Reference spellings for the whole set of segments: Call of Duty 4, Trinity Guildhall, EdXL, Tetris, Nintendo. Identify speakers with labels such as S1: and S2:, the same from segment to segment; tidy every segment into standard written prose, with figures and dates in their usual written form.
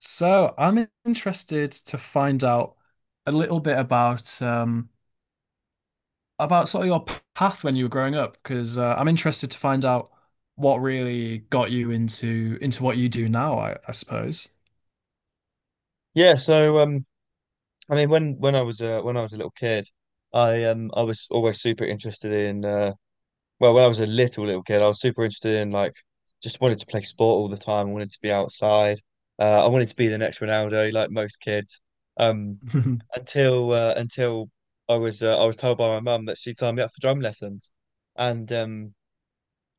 S1: So, I'm interested to find out a little bit about sort of your path when you were growing up, because I'm interested to find out what really got you into what you do now, I suppose.
S2: Yeah, so um, when I was when I was a little kid, I was always super interested in when I was a little kid, I was super interested in just wanted to play sport all the time. I wanted to be outside. I wanted to be the next Ronaldo, like most kids. Um, until I was told by my mum that she signed me up for drum lessons, and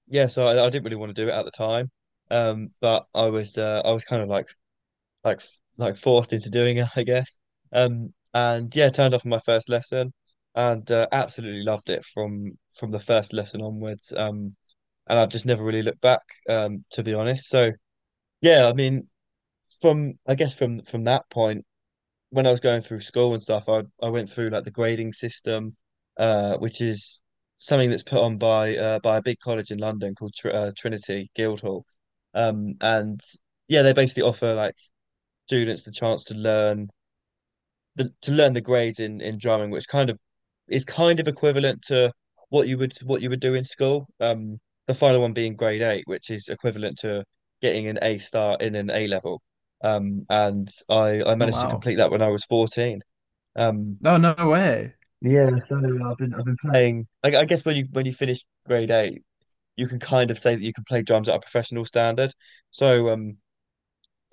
S2: yeah, so I didn't really want to do it at the time. But I was kind of like like forced into doing it, I guess. And Yeah, turned up on my first lesson, and absolutely loved it from the first lesson onwards. And I've just never really looked back, to be honest. So yeah, I guess from that point, when I was going through school and stuff, I went through like the grading system, which is something that's put on by a big college in London called Tr Trinity Guildhall. And Yeah, they basically offer like students the chance to learn to learn the grades in drumming, which is kind of equivalent to what you would do in school. The final one being grade 8, which is equivalent to getting an A star in an A level. And I
S1: Oh
S2: managed to
S1: wow.
S2: complete that when I was 14. Um,
S1: No, no way.
S2: Yeah, I've been playing. I guess when you finish grade 8, you can kind of say that you can play drums at a professional standard. So um,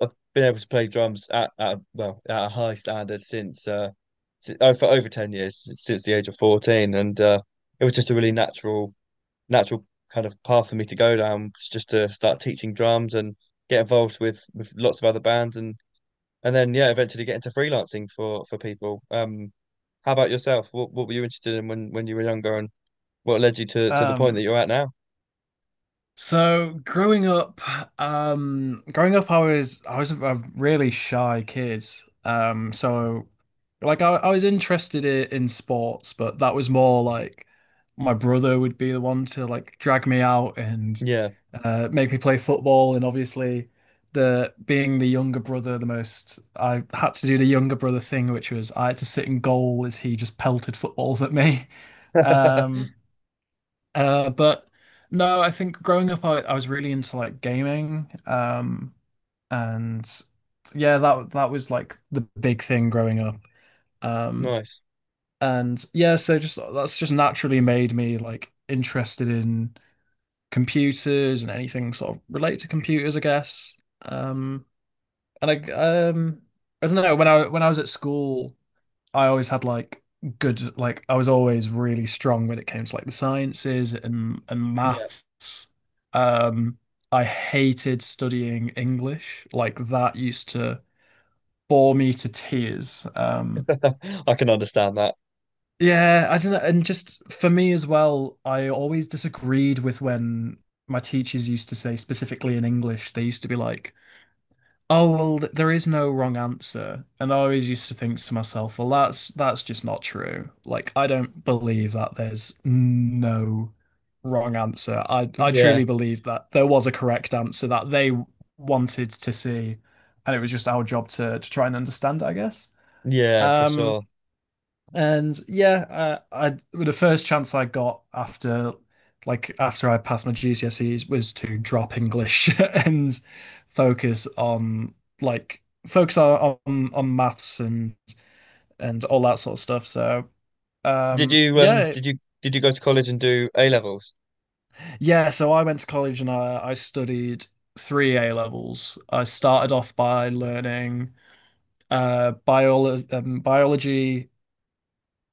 S2: I've been able to play drums at well at a high standard for over 10 years since the age of 14, and it was just a really natural kind of path for me to go down, just to start teaching drums and get involved with lots of other bands, and then yeah, eventually get into freelancing for people. How about yourself? What were you interested in when you were younger, and what led you to the point that
S1: Um,
S2: you're at now?
S1: So growing up, I was a really shy kid. So like I was interested in sports, but that was more like my brother would be the one to like drag me out and
S2: Yeah,
S1: make me play football. And obviously, the being the younger brother, the most I had to do the younger brother thing, which was I had to sit in goal as he just pelted footballs at me. Um, but no, I think growing up, I was really into like gaming. And yeah, that was like the big thing growing up. Um,
S2: nice.
S1: and yeah, so just that's just naturally made me like interested in computers and anything sort of related to computers, I guess. And um, I don't know when I was at school. I always had like good like I was always really strong when it came to like the sciences and
S2: Yeah,
S1: maths. Um, I hated studying English. Like that used to bore me to tears.
S2: I can understand that.
S1: Yeah, I don't know, and just for me as well, I always disagreed with when my teachers used to say specifically in English, they used to be like oh well, there is no wrong answer, and I always used to think to myself, well, that's just not true. Like, I don't believe that there's no wrong answer. I
S2: Yeah,
S1: truly believe that there was a correct answer that they wanted to see, and it was just our job to try and understand it, I guess.
S2: yeah, for
S1: Um,
S2: sure.
S1: and yeah, I well, the first chance I got after after I passed my GCSEs was to drop English and focus on like focus on maths and all that sort of stuff. So
S2: Did you
S1: yeah,
S2: did you go to college and do A levels?
S1: yeah, so I went to college and I studied three A levels. I started off by learning biology.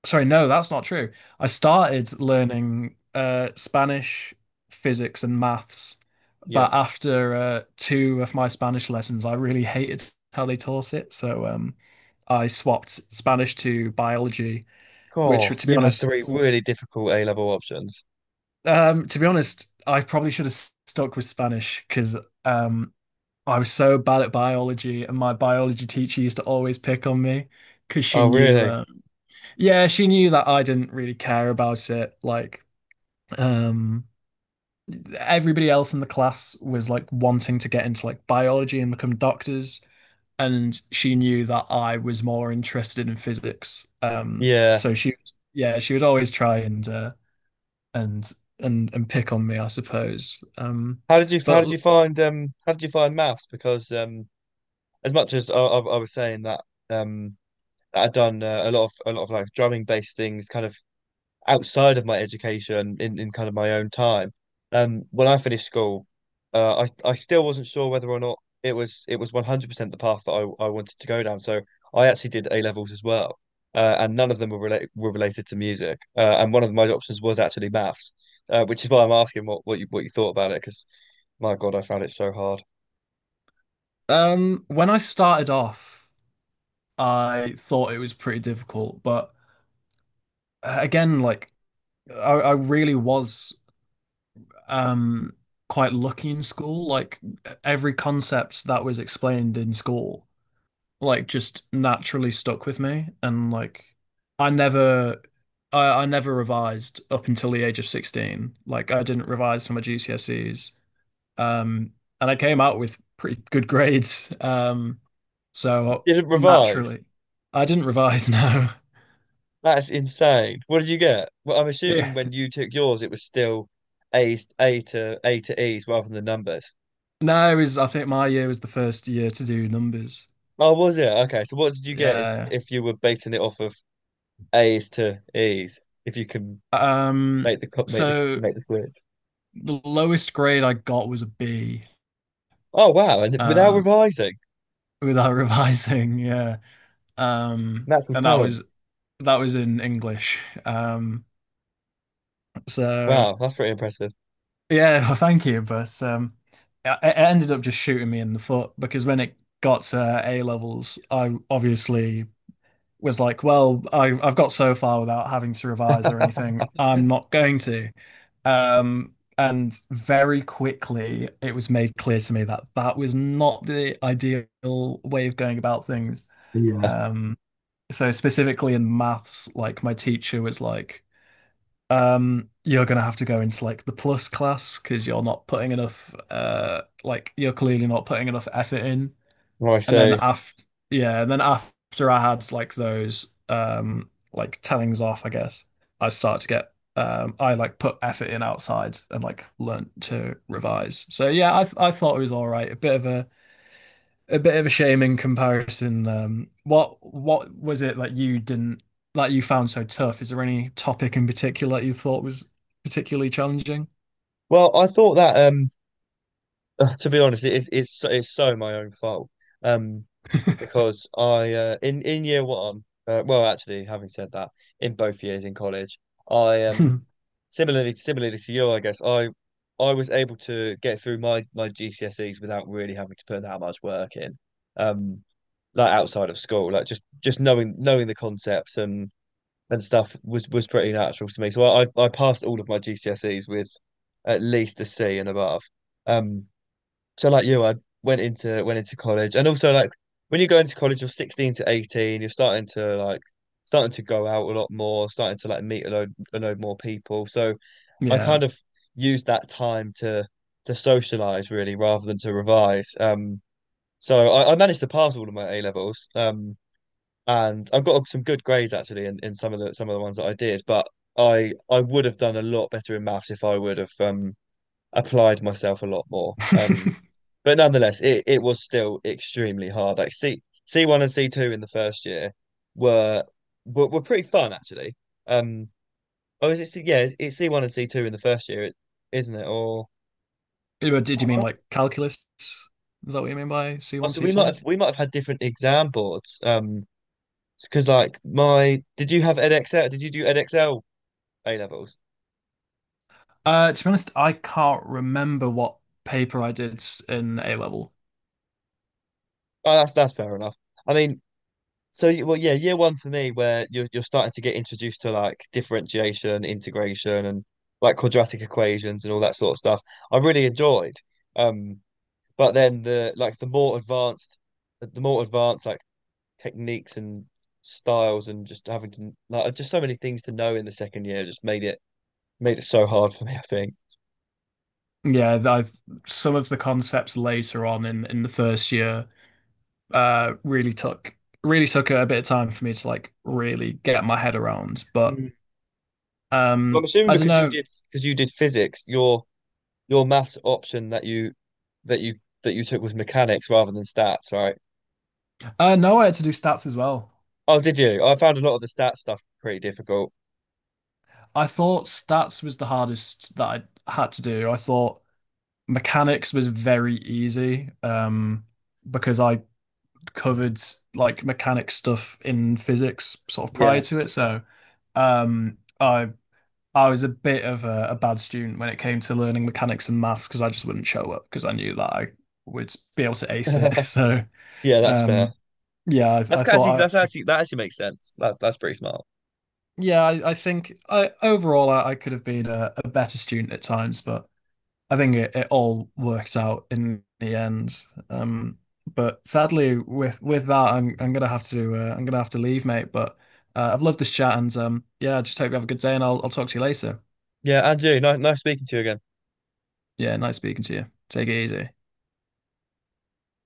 S1: Sorry, no, that's not true. I started learning Spanish, physics, and maths,
S2: Yeah.
S1: but after two of my Spanish lessons, I really hated how they taught it. So I swapped Spanish to biology, which,
S2: God,
S1: to be
S2: you had
S1: honest,
S2: three really difficult A level options.
S1: to be honest, I probably should have stuck with Spanish because um, I was so bad at biology, and my biology teacher used to always pick on me because she
S2: Oh,
S1: knew.
S2: really?
S1: Yeah, she knew that I didn't really care about it. Like, um, everybody else in the class was like wanting to get into like biology and become doctors, and she knew that I was more interested in physics.
S2: Yeah.
S1: So she, yeah, she would always try and and and pick on me, I suppose.
S2: How did
S1: But
S2: you find how did you find maths? Because as much as I was saying that um that I'd done a lot of like drumming based things, kind of outside of my education in kind of my own time. When I finished school, I still wasn't sure whether or not it was 100% the path that I wanted to go down. So I actually did A levels as well, and none of them were related to music. And One of my options was actually maths, which is why I'm asking what you thought about it because my God, I found it so hard.
S1: when I started off, I thought it was pretty difficult, but again, like I really was um quite lucky in school. Like every concept that was explained in school, like just naturally stuck with me, and like I never. I never revised up until the age of 16. Like I didn't revise for my GCSEs. Um, and I came out with pretty good grades. So
S2: Didn't revise.
S1: naturally, I didn't revise no.
S2: That's insane. What did you get? Well, I'm
S1: Yeah.
S2: assuming when you took yours, it was still A to E's rather than the numbers.
S1: No, it was I think my year was the first year to do numbers.
S2: Oh, was it? Okay. So what did you get if
S1: Yeah.
S2: you were basing it off of A's to E's? If you can
S1: Um,
S2: make the co-
S1: so
S2: make the switch.
S1: the lowest grade I got was a B,
S2: Oh wow! And without
S1: um,
S2: revising,
S1: without revising, yeah.
S2: natural
S1: And
S2: talent.
S1: that was in English. Um, so
S2: Wow, that's pretty impressive.
S1: yeah, well, thank you, but it it ended up just shooting me in the foot because when it got to A levels, I obviously was like, well, I've got so far without having to revise or anything. I'm not going to. Um, and very quickly, it was made clear to me that that was not the ideal way of going about things.
S2: Yeah.
S1: Um, so specifically in maths, like my teacher was like, you're gonna have to go into like the plus class because you're not putting enough, like you're clearly not putting enough effort in.
S2: Right.
S1: And then
S2: So,
S1: after yeah and then after I had like those like tellings off I guess I start to get I like put effort in outside and like learnt to revise. So yeah I thought it was all right. A bit of a bit of a shame in comparison. Um what was it that you didn't that you found so tough? Is there any topic in particular that you thought was particularly challenging?
S2: well, I thought that to be honest, it's so my own fault um because I in year 1, well, actually, having said that, in both years in college, I similarly, to you, I guess I was able to get through my GCSEs without really having to put that much work in, um, like outside of school, like just knowing the concepts and stuff was pretty natural to me. So I passed all of my GCSEs with at least a C and above. Um, so like you, I went into college, and also like when you go into college, you're 16 to 18, you're starting to like starting to go out a lot more, starting to like meet a load more people. So I
S1: Yeah.
S2: kind of used that time to socialize really rather than to revise. So I managed to pass all of my A levels. And I've got some good grades actually in some of the ones that I did, but I would have done a lot better in maths if I would have applied myself a lot more. But nonetheless, it was still extremely hard. Like C one and C two in the first year were were pretty fun actually. Um, Oh, is it? It's C1 and C2 in the first year, isn't it? Or
S1: But did you mean like calculus is that what you mean by
S2: Oh,
S1: C1
S2: so we might
S1: C2?
S2: have had different exam boards. Because like my Did you have EdXL? Did you do EdXL A levels?
S1: To be honest, I can't remember what paper I did in A level.
S2: Oh, that's fair enough. I mean, so you- well, yeah, year 1 for me, where you're starting to get introduced to like differentiation, integration, and like quadratic equations and all that sort of stuff. I really enjoyed. Um, but then the like the more advanced like techniques and styles and just having to like just so many things to know in the second year just made it so hard for me, I think.
S1: Yeah, I've some of the concepts later on in the first year uh really took really took a bit of time for me to like really get my head around. But
S2: Mm. Well, I'm assuming
S1: I don't know.
S2: because you did physics, your maths option that you that you took was mechanics rather than stats, right?
S1: No, I had to do stats as well.
S2: Oh, did you? I found a lot of the stats stuff pretty difficult.
S1: I thought stats was the hardest that I had to do. I thought mechanics was very easy because I covered like mechanic stuff in physics sort of
S2: Yeah.
S1: prior to it. So um, I I was a bit of a bad student when it came to learning mechanics and maths because I just wouldn't show up because I knew that I would be able to ace it. So
S2: Yeah, that's fair.
S1: um, yeah, I thought I
S2: That actually makes sense. That's pretty smart.
S1: yeah I think I overall, I could have been a better student at times, but I think it, it all worked out in the end. Um, but sadly, with that, I'm gonna have to I'm gonna have to leave, mate. But I've loved this chat, and yeah, I just hope you have a good day, and I'll talk to you later.
S2: Yeah, Andrew, nice speaking to you again.
S1: Yeah, nice speaking to you. Take it easy.